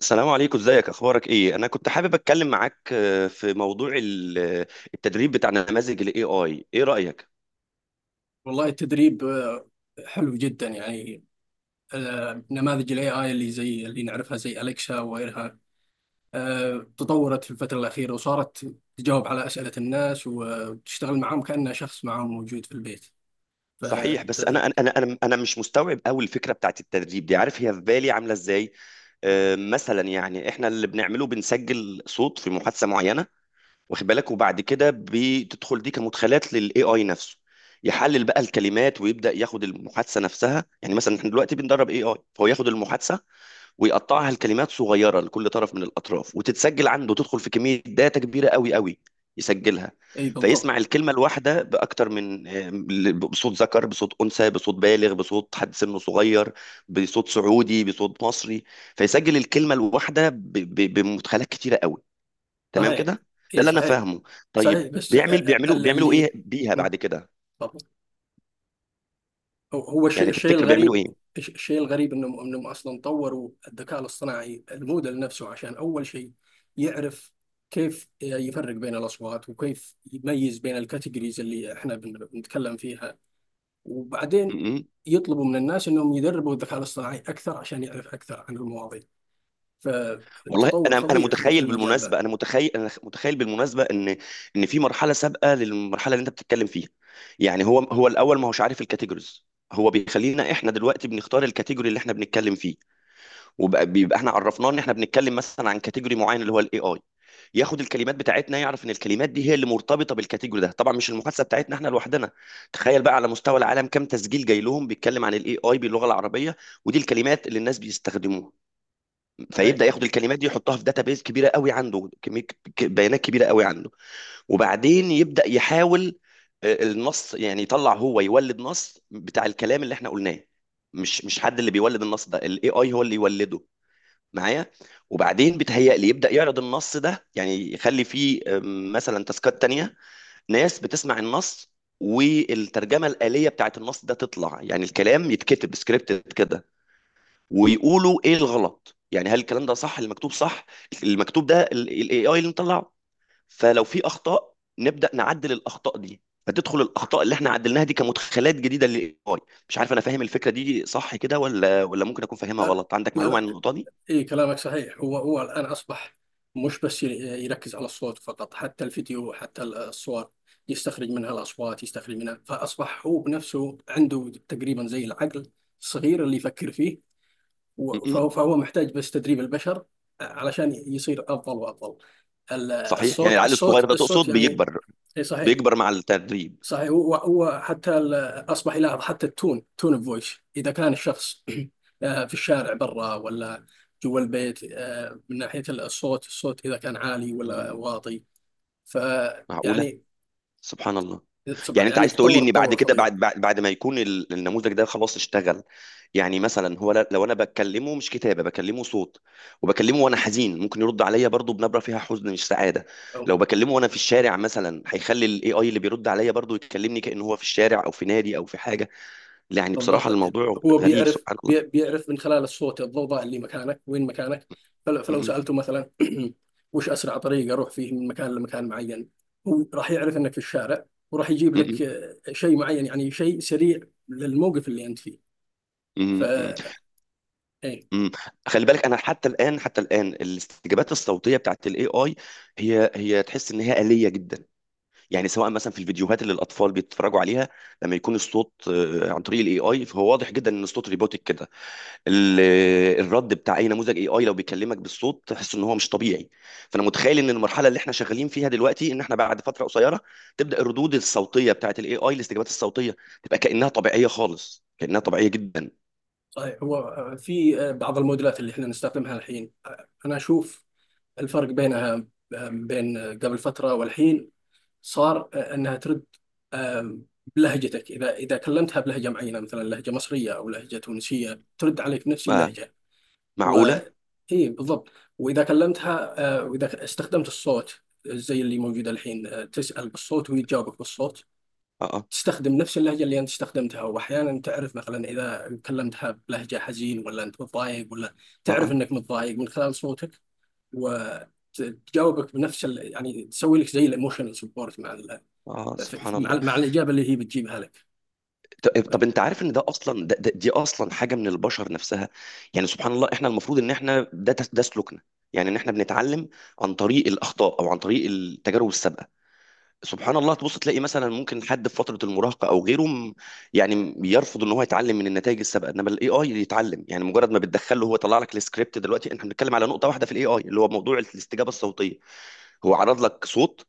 السلام عليكم، ازيك، اخبارك ايه؟ انا كنت حابب اتكلم معاك في موضوع التدريب بتاع نماذج الاي اي. ايه رايك؟ والله التدريب حلو جدا يعني. نماذج الاي اي اللي زي اللي نعرفها زي اليكسا وغيرها، تطورت في الفترة الأخيرة وصارت تجاوب على أسئلة الناس وتشتغل معهم كأنه شخص معهم موجود في البيت. ف آه، صحيح، بس انا انا انا انا أنا مش مستوعب قوي الفكره بتاعت التدريب دي. عارف هي في بالي عامله ازاي؟ مثلا يعني احنا اللي بنعمله بنسجل صوت في محادثه معينه، واخد بالك؟ وبعد كده بتدخل دي كمدخلات للاي اي نفسه، يحلل بقى الكلمات ويبدا ياخد المحادثه نفسها. يعني مثلا احنا دلوقتي بندرب اي اي، فهو ياخد المحادثه ويقطعها لكلمات صغيره لكل طرف من الاطراف، وتتسجل عنده، تدخل في كميه داتا كبيره قوي قوي، يسجلها. أي بالضبط. فيسمع الكلمه الواحده باكتر من بصوت ذكر، بصوت انثى، بصوت بالغ، بصوت حد سنه صغير، بصوت سعودي، بصوت مصري. فيسجل الكلمه الواحده بمدخلات كتيره قوي. تمام صحيح، كده؟ ده أي اللي انا صحيح. فاهمه. صحيح، طيب بس بيعمل بيعملوا بيعملوا ايه اللي بيها مم. بعد كده؟ تفضل. هو الشيء يعني الشيء تفتكر بيعملوا الغريب، الشيء الغريب انهم اصلا طوروا الذكاء الاصطناعي الموديل نفسه، عشان اول شيء يعرف كيف يفرق بين الاصوات وكيف يميز بين الكاتيجوريز اللي احنا بنتكلم فيها، وبعدين ايه؟ يطلبوا من الناس انهم يدربوا الذكاء الاصطناعي اكثر عشان يعرف اكثر عن المواضيع. والله فتطور انا فظيع في متخيل المجال ذا. بالمناسبه ان ان في مرحله سابقه للمرحله اللي انت بتتكلم فيها. يعني هو الاول ما هوش عارف الكاتيجوريز. هو بيخلينا احنا دلوقتي بنختار الكاتيجوري اللي احنا بنتكلم فيه، وبيبقى احنا عرفناه ان احنا بنتكلم مثلا عن كاتيجوري معين، اللي هو الاي اي، ياخد الكلمات بتاعتنا، يعرف ان الكلمات دي هي اللي مرتبطه بالكاتيجوري ده، طبعا مش المحادثه بتاعتنا احنا لوحدنا. تخيل بقى على مستوى العالم، كم تسجيل جاي لهم بيتكلم عن الاي اي باللغه العربيه، ودي الكلمات اللي الناس بيستخدموها. صحيح. فيبدا ياخد الكلمات دي يحطها في داتابيز كبيره قوي، عنده كميه بيانات كبيره قوي عنده. وبعدين يبدا يحاول النص. يعني يطلع هو يولد نص بتاع الكلام اللي احنا قلناه. مش حد اللي بيولد النص ده، الاي اي هو اللي يولده، معايا؟ وبعدين بتهيأ لي يبدا يعرض النص ده، يعني يخلي فيه مثلا تاسكات تانية، ناس بتسمع النص والترجمه الآلية بتاعت النص ده تطلع، يعني الكلام يتكتب سكريبت كده، ويقولوا ايه الغلط. يعني هل الكلام ده صح، المكتوب صح، المكتوب ده الاي اي اللي مطلعه. فلو في اخطاء نبدا نعدل الاخطاء دي، فتدخل الاخطاء اللي احنا عدلناها دي كمدخلات جديده للاي اي. مش عارف، انا فاهم الفكره دي صح كده ولا ممكن اكون فاهمها لا غلط؟ عندك لا معلومه عن لا النقطه دي؟ اي كلامك صحيح. هو الان اصبح مش بس يركز على الصوت فقط، حتى الفيديو، حتى الصور يستخرج منها الاصوات، يستخرج منها، فاصبح هو بنفسه عنده تقريبا زي العقل الصغير اللي يفكر فيه. و- م-م. فهو فهو محتاج بس تدريب البشر علشان يصير افضل وافضل. ال- صحيح. يعني الصوت العقل الصغير الصوت ده تقصد الصوت يعني. بيكبر؟ اي صحيح. بيكبر مع التدريب. صحيح، هو حتى اصبح يلاحظ حتى تون الفويس، اذا كان الشخص في الشارع برا ولا جوا البيت، من ناحيه الصوت، الصوت اذا كان عالي م. ولا واطي. فيعني، معقوله. سبحان الله. يعني يعني انت يعني عايز تقول لي تطور ان بعد تطور كده، فظيع. بعد ما يكون النموذج ده خلاص اشتغل، يعني مثلا هو لو انا بكلمه مش كتابه، بكلمه صوت، وبكلمه وانا حزين، ممكن يرد عليا برضو بنبره فيها حزن مش سعاده. لو بكلمه وانا في الشارع مثلا، هيخلي الاي اي اللي بيرد عليا برضو يكلمني كأنه هو في الشارع او في نادي او في حاجه. يعني بصراحه بالضبط. الموضوع هو غريب. بيعرف، سبحان الله. بيعرف من خلال الصوت، الضوضاء اللي مكانك، وين مكانك. فلو م- سألته مثلا وش أسرع طريق أروح فيه من مكان لمكان معين، هو راح يعرف أنك في الشارع وراح يجيب م- م- لك شيء معين، يعني شيء سريع للموقف اللي أنت فيه. ف م- م- إيه، م. م. خلي بالك، انا حتى الان الاستجابات الصوتيه بتاعت الاي اي، هي تحس ان هي آلية جدا. يعني سواء مثلا في الفيديوهات اللي الاطفال بيتفرجوا عليها، لما يكون الصوت عن طريق الاي اي، فهو واضح جدا ان الصوت روبوتك كده. الرد بتاع اي نموذج اي اي لو بيكلمك بالصوت تحس ان هو مش طبيعي. فانا متخيل ان المرحله اللي احنا شغالين فيها دلوقتي، ان احنا بعد فتره قصيره تبدا الردود الصوتيه بتاعت الاي اي، الاستجابات الصوتيه، تبقى كانها طبيعيه خالص، كانها طبيعيه جدا. صحيح. هو في بعض الموديلات اللي احنا نستخدمها الحين، أنا أشوف الفرق بينها بين قبل فترة والحين. صار انها ترد آم، بلهجتك، اذا كلمتها بلهجه معينه، مثلا لهجه مصريه او لهجه تونسيه، ترد عليك بنفس ما اللهجه. و معقوله؟ اي بالضبط. واذا كلمتها واذا استخدمت الصوت زي اللي موجود الحين، تسال بالصوت ويجاوبك بالصوت، اه، تستخدم نفس اللهجه اللي انت استخدمتها. واحيانا تعرف مثلا اذا كلمتها بلهجه حزين ولا انت متضايق، ولا اه، تعرف اه، انك متضايق من خلال صوتك وتجاوبك بنفس ال... يعني تسوي لك زي الايموشنال سبورت مع ال... اه، سبحان مع الله. الإجابة اللي هي بتجيبها لك. طب، انت عارف ان ده اصلا، ده ده دي اصلا حاجه من البشر نفسها. يعني سبحان الله، احنا المفروض ان احنا ده سلوكنا، يعني ان احنا بنتعلم عن طريق الاخطاء او عن طريق التجارب السابقه. سبحان الله، تبص تلاقي مثلا ممكن حد في فتره المراهقه او غيره يعني يرفض ان هو يتعلم من النتائج السابقه، انما الاي اي يتعلم. يعني مجرد ما بتدخله هو طلع لك السكريبت. دلوقتي احنا بنتكلم على نقطه واحده في الاي اي، اللي هو موضوع الاستجابه الصوتيه. هو عرض لك صوت،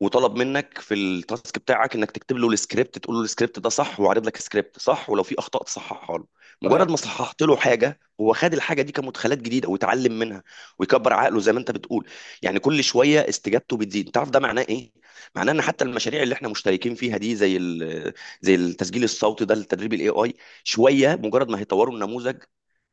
وطلب منك في التاسك بتاعك انك تكتب له السكريبت، تقول له السكريبت ده صح، وعرض لك سكريبت صح، ولو في اخطاء تصححها له. صحيح. مجرد ما صححت له حاجه، هو خد الحاجه دي كمدخلات جديده ويتعلم منها ويكبر عقله زي ما انت بتقول. يعني كل شويه استجابته بتزيد. تعرف ده معناه ايه؟ معناه ان حتى المشاريع اللي احنا مشتركين فيها دي، زي زي التسجيل الصوتي ده لتدريب الاي اي، شويه مجرد ما هيطوروا النموذج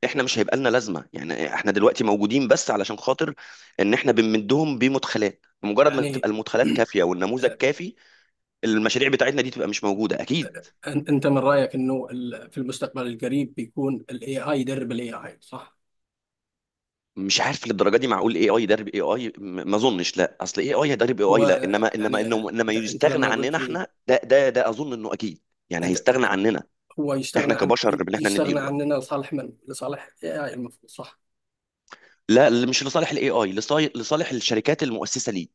احنا مش هيبقى لنا لازمه. يعني احنا دلوقتي موجودين بس علشان خاطر ان احنا بنمدهم بمدخلات. بمجرد ما تبقى يعني المدخلات كافيه والنموذج آه، كافي، المشاريع بتاعتنا دي تبقى مش موجوده اكيد. أنت من رأيك أنه في المستقبل القريب بيكون ال AI يدرب ال AI، صح؟ مش عارف للدرجه دي، معقول اي اي يدرب اي اي؟ ما اظنش. لا، اصل اي اي هيدرب اي هو اي، لا، انما انما يعني انه انما أنت يستغنى لما عننا قلت لي احنا، ده اظن انه اكيد. يعني أنت، هيستغنى عننا هو يستغنى احنا عن، كبشر، ان احنا يستغنى نديله. عننا لصالح من؟ لصالح AI المفروض، صح؟ لا، مش لصالح الاي اي، لصالح الشركات المؤسسه ليه.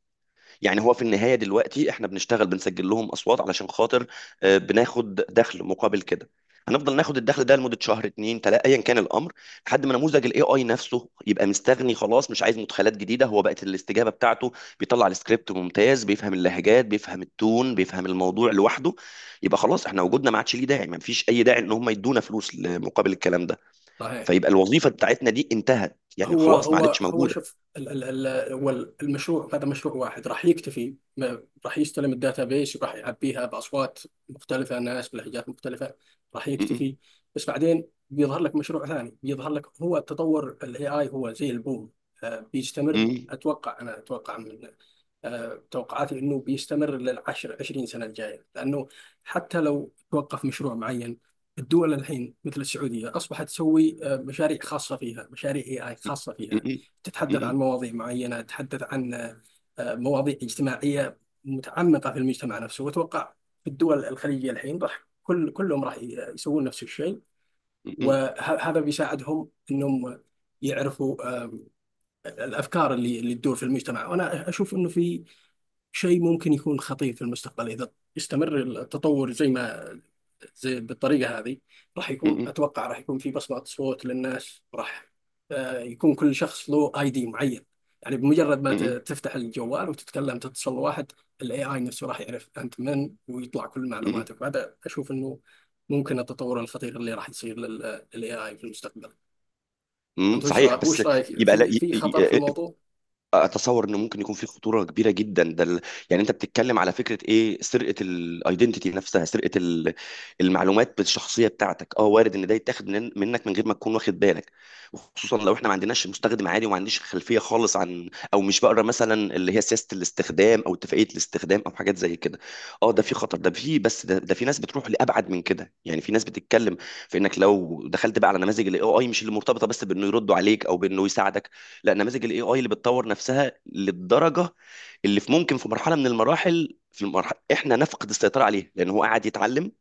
يعني هو في النهاية دلوقتي احنا بنشتغل بنسجل لهم اصوات علشان خاطر بناخد دخل مقابل كده. هنفضل ناخد الدخل ده لمدة شهر، 2، 3، ايا كان الامر، لحد ما نموذج الاي اي نفسه يبقى مستغني خلاص، مش عايز مدخلات جديدة، هو بقت الاستجابة بتاعته بيطلع السكريبت ممتاز، بيفهم اللهجات، بيفهم التون، بيفهم الموضوع لوحده، يبقى خلاص احنا وجودنا ما عادش ليه داعي. ما فيش اي داعي ان هم يدونا فلوس مقابل الكلام ده، صحيح. فيبقى الوظيفة بتاعتنا دي انتهت، يعني هو خلاص ما هو عادتش هو موجودة. شوف هو المشروع هذا مشروع واحد، راح يكتفي، راح يستلم الداتا بيس وراح يعبيها باصوات مختلفه، ناس بلهجات مختلفه، راح م- م- يكتفي. بس بعدين بيظهر لك مشروع ثاني، بيظهر لك، هو تطور الاي اي هو زي البوم، بيستمر. م- اتوقع، انا اتوقع من آه، توقعاتي انه بيستمر للعشر 20 سنه الجايه، لانه حتى لو توقف مشروع معين، الدول الحين مثل السعوديه اصبحت تسوي مشاريع خاصه فيها، مشاريع اي اي خاصه م- فيها، م- تتحدث عن م- مواضيع معينه، تتحدث عن مواضيع اجتماعيه متعمقه في المجتمع نفسه. واتوقع في الدول الخليجيه الحين راح كلهم راح يسوون نفس الشيء. م- م- وهذا بيساعدهم انهم يعرفوا الافكار اللي تدور في المجتمع. وانا اشوف انه في شيء ممكن يكون خطير في المستقبل إذا استمر التطور زي ما زي بالطريقة هذه. راح م- يكون، م- أتوقع راح يكون في بصمة صوت للناس، راح يكون كل شخص له اي دي معين. يعني بمجرد ما م- م- تفتح الجوال وتتكلم، تتصل واحد، الاي اي نفسه راح يعرف انت من ويطلع كل م- معلوماتك. بعد اشوف انه ممكن التطور الخطير اللي راح يصير للاي اي في المستقبل. م-. انت صحيح، بس وش رايك يبقى، لا، في خطر في الموضوع؟ اتصور انه ممكن يكون في خطوره كبيره جدا. ده يعني انت بتتكلم على فكره ايه، سرقه الايدنتيتي نفسها، سرقه المعلومات الشخصيه بتاعتك. اه، وارد ان ده يتاخد منك من غير ما تكون واخد بالك. خصوصا لو احنا ما عندناش، مستخدم عادي وما عنديش خلفيه خالص عن، او مش بقرا مثلا اللي هي سياسه الاستخدام او اتفاقيه الاستخدام او حاجات زي كده. اه، ده في خطر، ده في، بس ده في ناس بتروح لابعد من كده، يعني في ناس بتتكلم في انك لو دخلت بقى على نماذج الاي اي، مش اللي مرتبطه بس بانه يردوا عليك او بانه يساعدك، لا، نماذج الاي اي اللي بتطور نفسها للدرجه اللي في، ممكن في مرحله من المراحل في المرحله احنا نفقد السيطره عليه، لان هو قاعد يتعلم.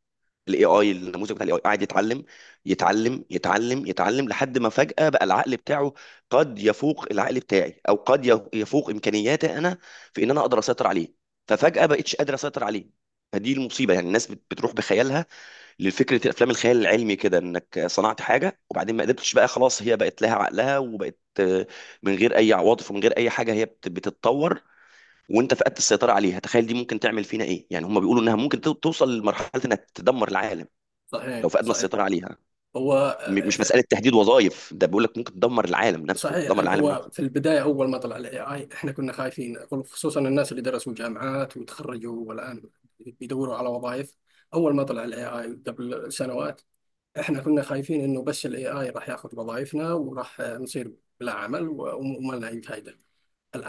الاي اي، النموذج بتاع الاي اي قاعد يتعلم، يتعلم يتعلم يتعلم لحد ما فجاه بقى العقل بتاعه قد يفوق العقل بتاعي، او قد يفوق امكانياتي انا في ان انا اقدر اسيطر عليه. ففجاه بقتش قادر اسيطر عليه. فدي المصيبه. يعني الناس بتروح بخيالها لفكره افلام الخيال العلمي كده، انك صنعت حاجه وبعدين ما قدرتش بقى خلاص، هي بقت لها عقلها وبقت من غير اي عواطف، ومن غير اي حاجه، هي بتتطور، وانت فقدت السيطره عليها. تخيل دي ممكن تعمل فينا ايه. يعني هم بيقولوا انها ممكن توصل لمرحله انها تدمر العالم صحيح لو فقدنا صحيح السيطره عليها. هو مش آه، مساله تهديد وظائف، ده بيقول لك ممكن تدمر العالم نفسه، صحيح. تدمر العالم هو نفسه. في البداية أول ما طلع ال AI إحنا كنا خايفين، خصوصا الناس اللي درسوا جامعات وتخرجوا والآن بيدوروا على وظائف. أول ما طلع ال AI قبل سنوات، إحنا كنا خايفين إنه بس ال AI راح ياخذ وظائفنا وراح نصير بلا عمل وما لنا أي فائدة.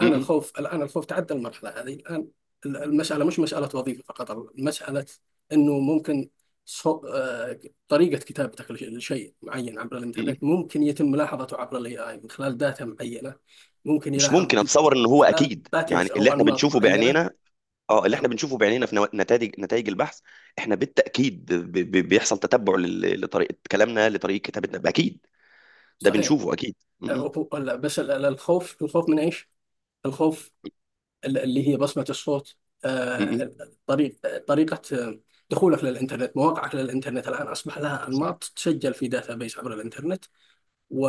م- م- الخوف الآن الخوف تعدى المرحلة هذه الآن. المسألة مش مسألة وظيفة فقط، المسألة أنه ممكن صو... آه، طريقة كتابتك لشيء معين عبر م- م. الإنترنت ممكن يتم ملاحظته عبر ال AI من خلال داتا معينة. ممكن مش يلاحظ ممكن، من اتصور ان هو خلال اكيد، باترز يعني اللي أو احنا أنماط بنشوفه معينة. بعينينا. اه، اللي احنا آه، بنشوفه بعينينا في نتائج البحث، احنا بالتاكيد بيحصل تتبع لطريقه كلامنا، لطريقه كتابتنا، اكيد. ده صحيح. بنشوفه اكيد. م- م- لا، بس الخوف، الخوف من إيش؟ الخوف اللي هي بصمة الصوت، م- م. آه، طريق طريقة دخولك للإنترنت، مواقعك للإنترنت، الآن أصبح لها صح. أنماط تسجل في داتابيس عبر الإنترنت،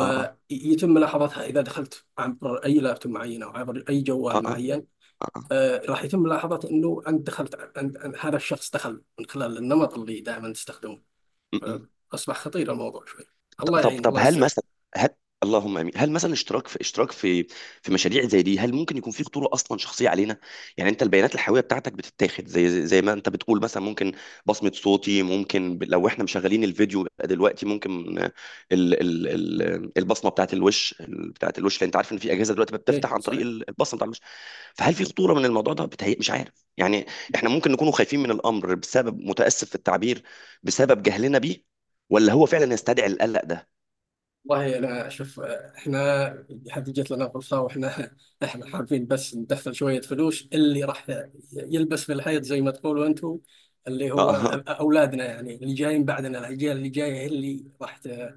اه، اه، ملاحظتها إذا دخلت عبر أي لابتوب معين أو عبر أي اه، جوال اه، معين. اه، آه. راح يتم ملاحظة أنه أنت دخلت، هذا الشخص دخل من خلال النمط اللي دائما تستخدمه. م- م. أصبح خطير الموضوع شوي. ط- الله طب يعين، طب الله هل يستر. مثلا، هل، اللهم امين، هل مثلا اشتراك في في مشاريع زي دي، هل ممكن يكون في خطوره اصلا شخصيه علينا؟ يعني انت البيانات الحيويه بتاعتك بتتاخد زي ما انت بتقول، مثلا ممكن بصمه صوتي، ممكن لو احنا مشغلين الفيديو يبقى دلوقتي ممكن ال ال ال البصمه بتاعت الوش، بتاعت الوش، لان انت عارف ان في اجهزه دلوقتي إيه بتفتح عن طريق صحيح. البصمه بتاعت الوش. فهل في خطوره من الموضوع ده؟ بتهيأ، مش عارف، يعني احنا ممكن نكونوا خايفين من الامر بسبب، متاسف في التعبير، بسبب جهلنا بيه، ولا هو فعلا يستدعي القلق ده؟ والله انا شوف احنا هذه جت لنا فرصه واحنا احنا حابين بس ندخل شويه فلوس. اللي راح يلبس في الحيط زي ما تقولوا انتم، اللي هو آه. اولادنا، يعني اللي جايين بعدنا، الاجيال اللي جايه هي اللي راح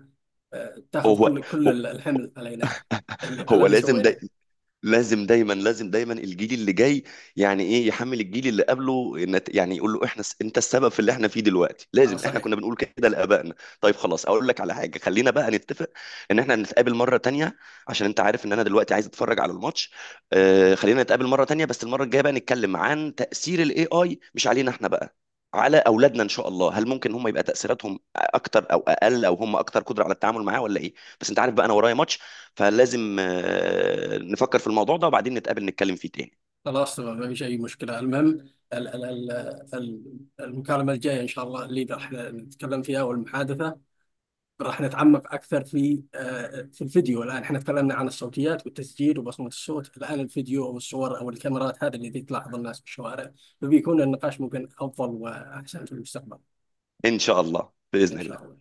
هو تاخذ كل هو كل الحمل علينا، اللي على هو اللي لازم ده. سويناه. لازم دايما الجيل اللي جاي، يعني ايه يحمل الجيل اللي قبله يعني يقول له احنا انت السبب في اللي احنا فيه دلوقتي؟ اه لازم احنا صحيح. كنا بنقول كده لابائنا. طيب خلاص، اقول لك على حاجه، خلينا بقى نتفق ان احنا نتقابل مره تانية، عشان انت عارف ان انا دلوقتي عايز اتفرج على الماتش. خلينا نتقابل مره تانية، بس المره الجايه بقى نتكلم عن تاثير الاي اي، مش علينا احنا بقى، على اولادنا ان شاء الله. هل ممكن هم يبقى تاثيراتهم اكتر او اقل، او هم اكتر قدره على التعامل معاه، ولا ايه؟ بس انت عارف بقى، انا ورايا ماتش، فلازم نفكر في الموضوع ده وبعدين نتقابل نتكلم فيه تاني. خلاص تمام، ما فيش اي مشكله. المهم ال- ال- ال- المكالمه الجايه ان شاء الله اللي راح نتكلم فيها، والمحادثه راح نتعمق أكثر في في الفيديو. الآن احنا تكلمنا عن الصوتيات والتسجيل وبصمة الصوت، الآن الفيديو أو الصور أو الكاميرات، هذا اللي تلاحظ الناس في الشوارع. فبيكون النقاش ممكن أفضل وأحسن في المستقبل إن شاء الله، إن بإذن شاء الله. الله.